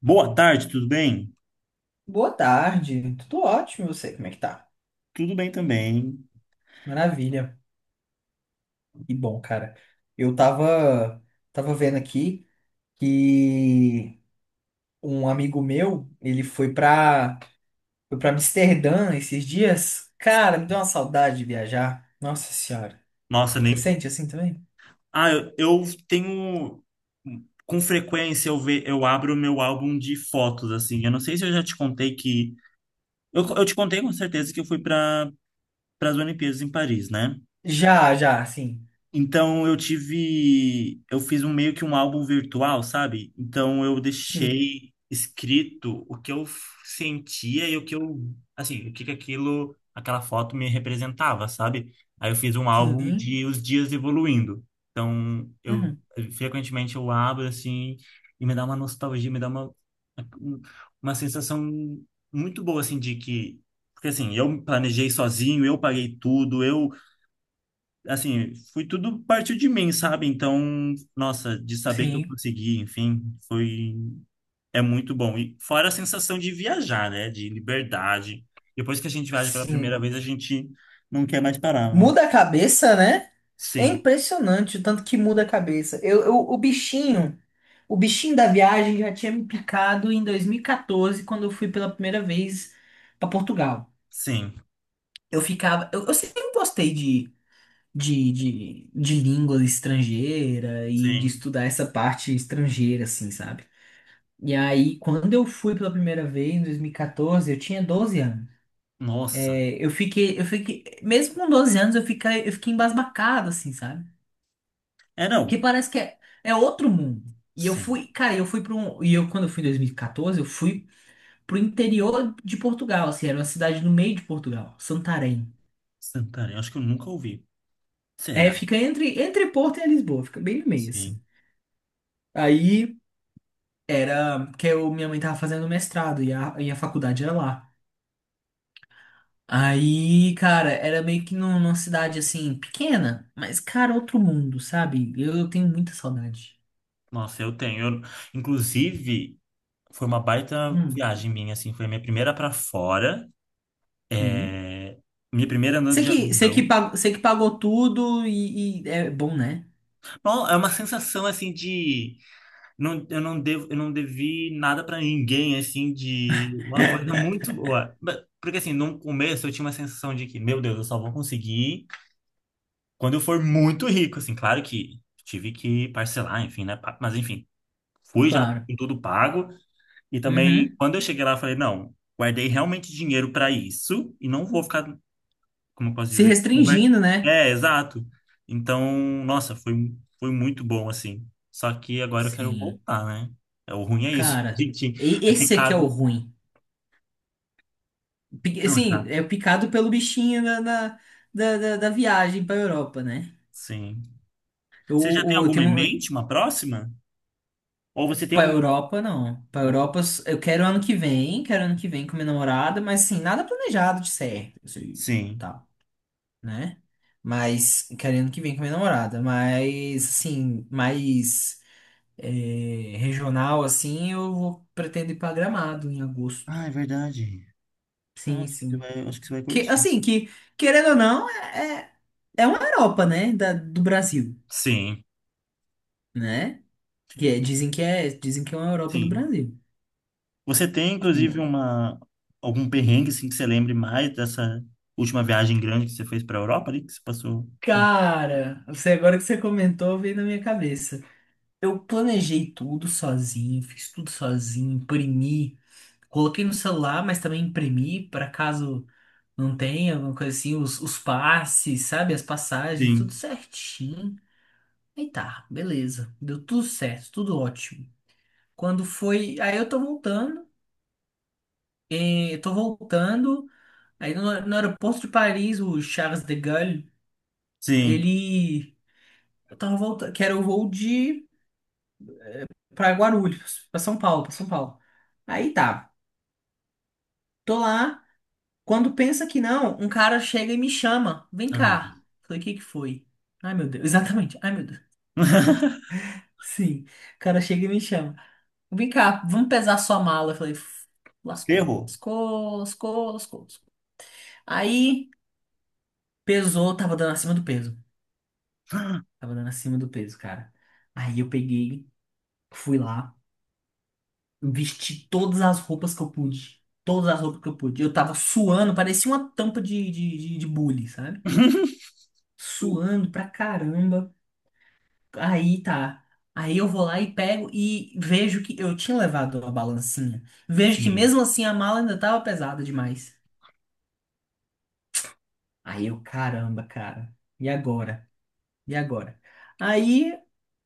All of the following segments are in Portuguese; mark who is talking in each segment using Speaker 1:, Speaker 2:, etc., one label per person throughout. Speaker 1: Boa tarde, tudo bem?
Speaker 2: Boa tarde, tudo ótimo, e você, como é que tá?
Speaker 1: Tudo bem também.
Speaker 2: Maravilha, que bom, cara. Eu tava vendo aqui que um amigo meu, ele foi pra Amsterdã esses dias. Cara, me deu uma saudade de viajar. Nossa senhora,
Speaker 1: Nossa,
Speaker 2: você
Speaker 1: nem.
Speaker 2: sente assim também?
Speaker 1: Ah, eu tenho. Com frequência eu abro o meu álbum de fotos, assim. Eu não sei se eu já te contei que. Eu te contei com certeza que eu fui para as Olimpíadas em Paris, né?
Speaker 2: Já, já, sim,
Speaker 1: Então eu fiz um meio que um álbum virtual, sabe? Então eu
Speaker 2: sim,
Speaker 1: deixei escrito o que sentia e o que eu, assim, o que que aquilo, aquela foto me representava, sabe? Aí eu fiz um álbum
Speaker 2: sim,
Speaker 1: de os dias evoluindo. Então eu
Speaker 2: uhum,
Speaker 1: frequentemente eu abro assim e me dá uma nostalgia, me dá uma sensação muito boa assim de que. Porque assim, eu planejei sozinho, eu paguei tudo, eu assim, foi tudo partiu de mim, sabe? Então, nossa, de saber que eu
Speaker 2: sim,
Speaker 1: consegui, enfim, foi é muito bom. E fora a sensação de viajar, né? De liberdade. Depois que a gente viaja pela
Speaker 2: sim.
Speaker 1: primeira vez, a gente não quer mais parar, né?
Speaker 2: Muda a cabeça, né? É
Speaker 1: Sim,
Speaker 2: impressionante o tanto que muda a cabeça. O bichinho da viagem já tinha me picado em 2014, quando eu fui pela primeira vez para Portugal.
Speaker 1: sim,
Speaker 2: Eu sempre gostei de língua estrangeira e de
Speaker 1: sim.
Speaker 2: estudar essa parte estrangeira, assim, sabe? E aí, quando eu fui pela primeira vez, em 2014, eu tinha 12 anos.
Speaker 1: Nossa.
Speaker 2: É. Eu fiquei, mesmo com 12 anos, eu fiquei embasbacado, assim, sabe?
Speaker 1: É, não.
Speaker 2: Que parece que é outro mundo. E eu
Speaker 1: Sim.
Speaker 2: fui, cara, eu fui para um. Quando eu fui em 2014, eu fui pro interior de Portugal, assim, era uma cidade no meio de Portugal, Santarém.
Speaker 1: Santarém, acho que eu nunca ouvi.
Speaker 2: É,
Speaker 1: Será?
Speaker 2: fica entre Porto e Lisboa, fica bem no meio,
Speaker 1: Sim.
Speaker 2: assim. Aí era minha mãe tava fazendo mestrado e a faculdade era lá. Aí, cara, era meio que numa cidade assim, pequena, mas, cara, outro mundo, sabe? Eu tenho muita saudade.
Speaker 1: Nossa, eu tenho. Inclusive, foi uma baita
Speaker 2: Hum.
Speaker 1: viagem minha, assim, foi a minha primeira para fora.
Speaker 2: Sim.
Speaker 1: É, minha primeira noite
Speaker 2: Você
Speaker 1: de
Speaker 2: que, você que,
Speaker 1: avião.
Speaker 2: pag- você que pagou tudo e é bom, né?
Speaker 1: Bom, é uma sensação assim de não, eu não devo, eu não devi nada pra ninguém, assim, de uma coisa muito boa. Porque assim, no começo eu tinha uma sensação de que, meu Deus, eu só vou conseguir quando eu for muito rico, assim, claro que tive que parcelar, enfim, né? Mas enfim, fui já
Speaker 2: Claro.
Speaker 1: com tudo pago e também
Speaker 2: Uhum.
Speaker 1: quando eu cheguei lá, eu falei, não, guardei realmente dinheiro pra isso e não vou ficar, como eu posso
Speaker 2: Se
Speaker 1: dizer?
Speaker 2: restringindo,
Speaker 1: É,
Speaker 2: né?
Speaker 1: É, exato. Então, nossa, foi muito bom, assim. Só que agora eu quero
Speaker 2: Sim.
Speaker 1: voltar, né? É, o ruim é isso. A
Speaker 2: Cara,
Speaker 1: gente é
Speaker 2: esse aqui é o
Speaker 1: picado.
Speaker 2: ruim. Pi-
Speaker 1: Não,
Speaker 2: Assim,
Speaker 1: exato.
Speaker 2: é picado pelo bichinho da viagem pra Europa, né?
Speaker 1: Sim. Você já tem
Speaker 2: Eu
Speaker 1: alguma
Speaker 2: tenho
Speaker 1: em
Speaker 2: um.
Speaker 1: mente, uma próxima? Ou você tem
Speaker 2: Pra
Speaker 1: alguma.
Speaker 2: Europa, não. Pra
Speaker 1: Não?
Speaker 2: Europa, eu quero ano que vem, quero ano que vem com minha namorada, mas assim, nada planejado de certo, assim,
Speaker 1: Sim.
Speaker 2: tal, né? Mas, quero ano que vem com minha namorada, mas, assim, mais, é, regional, assim, pretendo ir pra Gramado em agosto.
Speaker 1: Ah, é verdade. Não,
Speaker 2: Sim, sim.
Speaker 1: acho que você vai
Speaker 2: Que,
Speaker 1: curtir.
Speaker 2: assim, que, querendo ou não, é uma Europa, né? Do Brasil,
Speaker 1: Sim,
Speaker 2: né? Dizem que é uma Europa do
Speaker 1: sim.
Speaker 2: Brasil.
Speaker 1: Você tem,
Speaker 2: É
Speaker 1: inclusive,
Speaker 2: uma-
Speaker 1: uma, algum perrengue, assim, que você lembre mais dessa última viagem grande que você fez para a Europa ali, que você passou?
Speaker 2: Cara, você agora que você comentou, veio na minha cabeça. Eu planejei tudo sozinho, fiz tudo sozinho, imprimi, coloquei no celular, mas também imprimi para caso. Não tem alguma coisa assim, os passes, sabe? As passagens, tudo
Speaker 1: Sim,
Speaker 2: certinho. Aí tá, beleza. Deu tudo certo, tudo ótimo. Quando foi. Aí eu tô voltando, eh, eu tô voltando. Aí no aeroporto de Paris, o Charles de Gaulle,
Speaker 1: sim.
Speaker 2: ele. Eu tava voltando, que era o voo de, pra Guarulhos, pra São Paulo, pra São Paulo. Aí tá, tô lá. Quando pensa que não, um cara chega e me chama, vem
Speaker 1: Ai, meu
Speaker 2: cá.
Speaker 1: Deus.
Speaker 2: Falei, o que que foi? Ai, meu Deus, exatamente. Ai, meu Deus. Sim. O cara chega e me chama. Vem cá, vamos pesar sua mala. Eu falei, "Uf,
Speaker 1: Você
Speaker 2: lascou.
Speaker 1: errou.
Speaker 2: Lascou, lascou, lascou. Lascou." Aí pesou, tava dando acima do peso. Tava dando acima do peso, cara. Aí eu peguei, fui lá, vesti todas as roupas que eu pude. Todas as roupas que eu pude. Eu tava suando, parecia uma tampa de bule, sabe? Suando pra caramba. Aí tá. Aí eu vou lá e pego e vejo que eu tinha levado a balancinha. Vejo que
Speaker 1: Sim.
Speaker 2: mesmo assim a mala ainda tava pesada demais. Aí eu, caramba, cara. E agora? E agora? Aí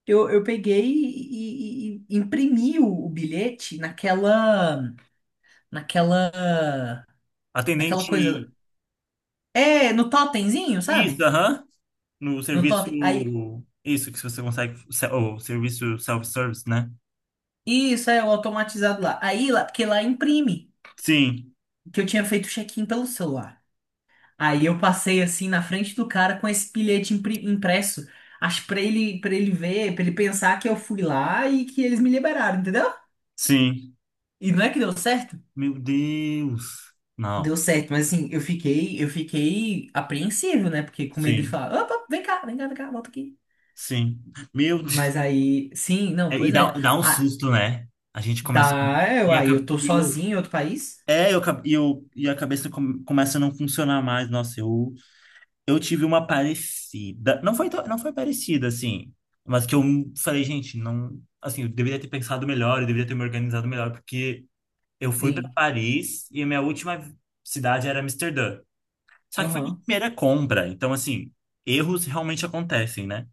Speaker 2: eu, eu peguei e imprimi o bilhete naquela, naquela
Speaker 1: Atendente.
Speaker 2: coisa. É, no totemzinho,
Speaker 1: Isso,
Speaker 2: sabe?
Speaker 1: aham. No
Speaker 2: No
Speaker 1: serviço.
Speaker 2: totem. Aí,
Speaker 1: Isso, que se você consegue. O serviço self-service, né?
Speaker 2: isso é o automatizado lá. Aí lá, porque lá imprime,
Speaker 1: Sim,
Speaker 2: que eu tinha feito o check-in pelo celular. Aí eu passei assim na frente do cara com esse bilhete impresso. Acho pra ele ver, pra ele pensar que eu fui lá e que eles me liberaram, entendeu?
Speaker 1: sim.
Speaker 2: E não é que deu certo?
Speaker 1: Meu Deus. Não.
Speaker 2: Deu certo, mas assim, eu fiquei, apreensivo, né? Porque com medo de
Speaker 1: Sim,
Speaker 2: falar, opa, vem cá, vem cá, vem cá, volta aqui.
Speaker 1: sim. Meu Deus.
Speaker 2: Mas aí, sim, não,
Speaker 1: É, e
Speaker 2: pois
Speaker 1: dá,
Speaker 2: é.
Speaker 1: dá um
Speaker 2: Ah,
Speaker 1: susto, né? A gente começa. E a,
Speaker 2: aí
Speaker 1: ca-
Speaker 2: eu tô
Speaker 1: e eu,
Speaker 2: sozinho em outro país?
Speaker 1: é, eu, E a cabeça começa a não funcionar mais. Nossa, eu. Eu tive uma parecida. Não foi parecida, assim. Mas que eu falei, gente, não. Assim, eu deveria ter pensado melhor, eu deveria ter me organizado melhor, porque eu fui para
Speaker 2: Sim.
Speaker 1: Paris e a minha última cidade era Amsterdã. Só que foi minha
Speaker 2: Aham.
Speaker 1: primeira compra. Então, assim, erros realmente acontecem, né?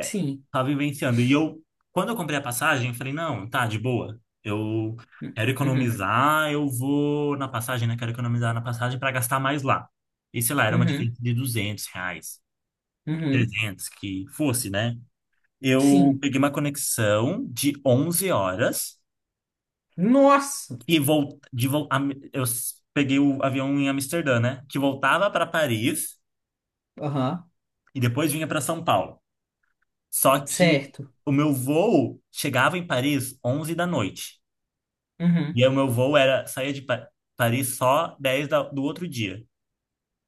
Speaker 2: Sim.
Speaker 1: Tava vivenciando. E eu, quando eu comprei a passagem, eu falei, não, tá, de boa. Eu quero
Speaker 2: Uhum.
Speaker 1: economizar, eu vou na passagem, né? Quero economizar na passagem para gastar mais lá. E sei lá, era uma
Speaker 2: Uhum.
Speaker 1: diferença de R$ 200.
Speaker 2: Uhum.
Speaker 1: 300 que fosse, né? Eu
Speaker 2: Sim.
Speaker 1: peguei uma conexão de 11 horas
Speaker 2: Nossa.
Speaker 1: e vol de vol Am- eu s- peguei o avião em Amsterdã, né? Que voltava para Paris
Speaker 2: Aham.
Speaker 1: e depois vinha para São Paulo. Só que
Speaker 2: Certo.
Speaker 1: o meu voo chegava em Paris 11 da noite. E
Speaker 2: Uhum.
Speaker 1: aí o meu voo era saía de Paris só 10 do outro dia.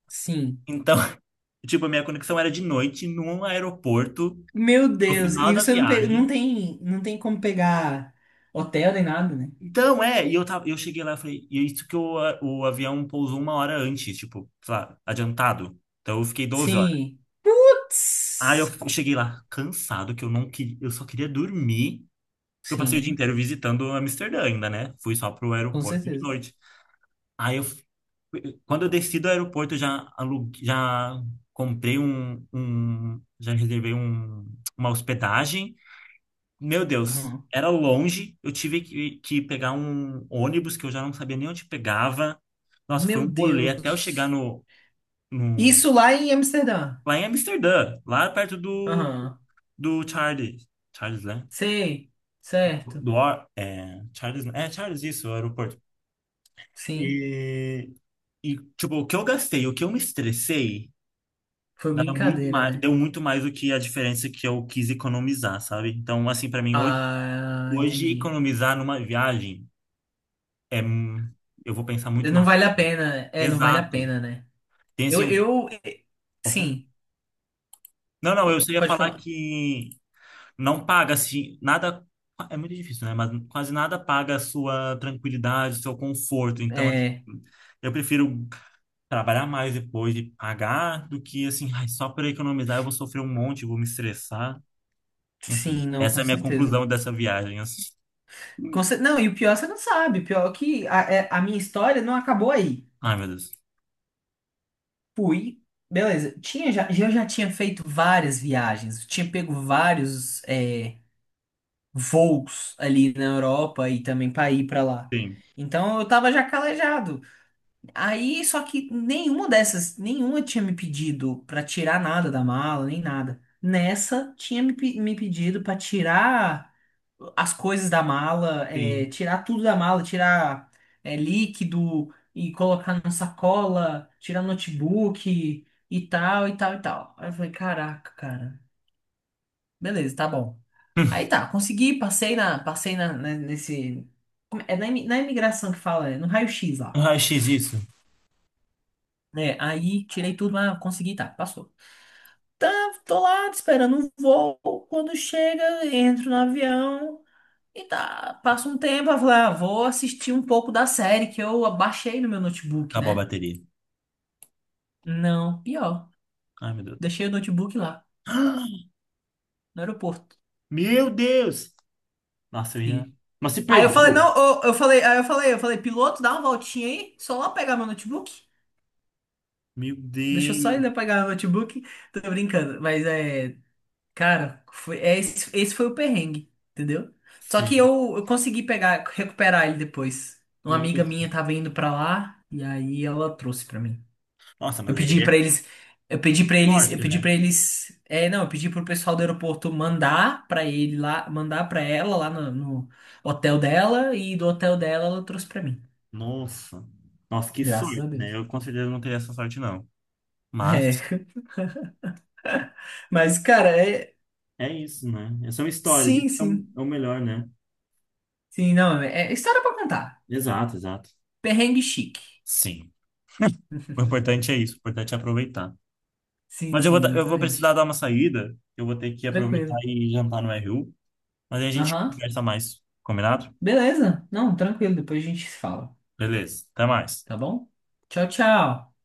Speaker 2: Sim.
Speaker 1: Então, tipo, a minha conexão era de noite num aeroporto,
Speaker 2: Meu
Speaker 1: no
Speaker 2: Deus.
Speaker 1: final
Speaker 2: E
Speaker 1: da
Speaker 2: você não, pe- não
Speaker 1: viagem.
Speaker 2: tem, não tem como pegar hotel nem nada, né?
Speaker 1: Então, é, e eu tava, eu cheguei lá e falei, e é isso que o avião pousou uma hora antes, tipo, sei lá, adiantado. Então eu fiquei 12 horas.
Speaker 2: Sim.
Speaker 1: Aí eu
Speaker 2: Putz.
Speaker 1: cheguei lá cansado, que eu não queria, eu só queria dormir, porque eu passei o dia
Speaker 2: Sim,
Speaker 1: inteiro visitando Amsterdã ainda, né? Fui só pro
Speaker 2: com
Speaker 1: aeroporto de
Speaker 2: certeza.
Speaker 1: noite. Aí eu, f- Quando eu desci do aeroporto, eu já aluguei, já comprei um, um, já reservei uma hospedagem. Meu Deus,
Speaker 2: Aham.
Speaker 1: era longe. Eu tive que pegar um ônibus que eu já não sabia nem onde pegava. Nossa, foi
Speaker 2: Meu
Speaker 1: um rolê até eu chegar
Speaker 2: Deus.
Speaker 1: no-
Speaker 2: Isso lá em Amsterdã.
Speaker 1: lá em Amsterdã, lá perto do,
Speaker 2: Aham.
Speaker 1: do Charles. Charles, né?
Speaker 2: Sei. Certo.
Speaker 1: Do, Ar- é, Charles, isso, o aeroporto.
Speaker 2: Sim.
Speaker 1: E, tipo, o que eu gastei, o que eu me estressei,
Speaker 2: Foi
Speaker 1: dava muito
Speaker 2: brincadeira,
Speaker 1: mais,
Speaker 2: né?
Speaker 1: deu muito mais do que a diferença que eu quis economizar, sabe? Então, assim, pra mim, hoje,
Speaker 2: Ah, entendi.
Speaker 1: economizar numa viagem é. Eu vou pensar muito
Speaker 2: Não
Speaker 1: mais.
Speaker 2: vale a pena. É, não vale a
Speaker 1: Exato.
Speaker 2: pena, né?
Speaker 1: Tem
Speaker 2: Eu,
Speaker 1: assim.
Speaker 2: eu,
Speaker 1: Opa.
Speaker 2: sim.
Speaker 1: Não, não, eu só
Speaker 2: P-
Speaker 1: ia
Speaker 2: Pode
Speaker 1: falar
Speaker 2: falar.
Speaker 1: que não paga assim, nada. É muito difícil, né? Mas quase nada paga a sua tranquilidade, o seu conforto. Então, assim,
Speaker 2: É,
Speaker 1: eu prefiro trabalhar mais depois e pagar do que assim, ai, só para economizar eu vou sofrer um monte, vou me estressar. Enfim,
Speaker 2: sim, não,
Speaker 1: essa
Speaker 2: com
Speaker 1: é a minha
Speaker 2: certeza.
Speaker 1: conclusão dessa viagem, assim.
Speaker 2: Não, e o pior você não sabe. O pior é que a minha história não acabou aí.
Speaker 1: Ai, meu Deus.
Speaker 2: Fui, beleza. Eu já tinha feito várias viagens. Eu tinha pego vários voos ali na Europa e também para ir para lá.
Speaker 1: Sim,
Speaker 2: Então eu tava já calejado. Aí, só que nenhuma dessas, nenhuma tinha me pedido para tirar nada da mala, nem nada. Nessa, tinha me pedido para tirar as coisas da mala,
Speaker 1: sim.
Speaker 2: tirar tudo da mala, tirar líquido e colocar na sacola, tirar notebook e tal, e tal, e tal. Aí eu falei, caraca, cara, beleza, tá bom. Aí tá, consegui, passei na, na- nesse, na imigração que fala, no raio-x lá.
Speaker 1: Raio-x isso.
Speaker 2: Né, aí tirei tudo, mas consegui, tá, passou. Tá, tô lá esperando um voo. Quando chega, entro no avião. E tá, passa um tempo, eu falei, ah, vou assistir um pouco da série que eu baixei no meu notebook,
Speaker 1: Acabou a
Speaker 2: né?
Speaker 1: bateria.
Speaker 2: Não, pior.
Speaker 1: Ai, meu Deus.
Speaker 2: Deixei o notebook lá, no aeroporto.
Speaker 1: Meu Deus! Nossa, eu ia.
Speaker 2: Sim.
Speaker 1: Mas se
Speaker 2: Aí eu falei,
Speaker 1: perdeu.
Speaker 2: não, eu falei, piloto, dá uma voltinha aí, só lá pegar meu notebook.
Speaker 1: Meu
Speaker 2: Deixa eu só ir
Speaker 1: Deus,
Speaker 2: lá pegar o notebook. Tô brincando, mas é, cara, esse foi o perrengue, entendeu? Só que
Speaker 1: sim.
Speaker 2: eu consegui pegar, recuperar ele depois. Uma amiga
Speaker 1: Nossa,
Speaker 2: minha tava indo pra lá, e aí ela trouxe pra mim.
Speaker 1: Nossa,
Speaker 2: Eu
Speaker 1: mas aí
Speaker 2: pedi pra
Speaker 1: é
Speaker 2: eles, eu
Speaker 1: sorte,
Speaker 2: pedi
Speaker 1: né?
Speaker 2: pra eles, é, não, eu pedi pro pessoal do aeroporto mandar pra ele lá, mandar pra ela lá no hotel dela e do hotel dela ela trouxe pra mim.
Speaker 1: Nossa, nossa, que
Speaker 2: Graças a
Speaker 1: sorte, né?
Speaker 2: Deus.
Speaker 1: Eu com certeza não teria essa sorte, não. Mas
Speaker 2: É, mas cara,
Speaker 1: é isso, né? Essa é uma história, isso
Speaker 2: sim, sim.
Speaker 1: é o melhor, né?
Speaker 2: Sim, não, é história pra contar.
Speaker 1: Exato, exato.
Speaker 2: Perrengue chique.
Speaker 1: Sim. O importante é isso, o importante é aproveitar.
Speaker 2: Sim,
Speaker 1: Mas
Speaker 2: sim,
Speaker 1: eu vou precisar
Speaker 2: exatamente.
Speaker 1: dar uma saída, eu vou ter que aproveitar
Speaker 2: Tranquilo.
Speaker 1: e jantar no RU, mas aí a gente
Speaker 2: Aham.
Speaker 1: conversa mais, combinado?
Speaker 2: Beleza. Não, tranquilo, depois a gente se fala,
Speaker 1: Beleza, até mais.
Speaker 2: tá bom? Tchau, tchau.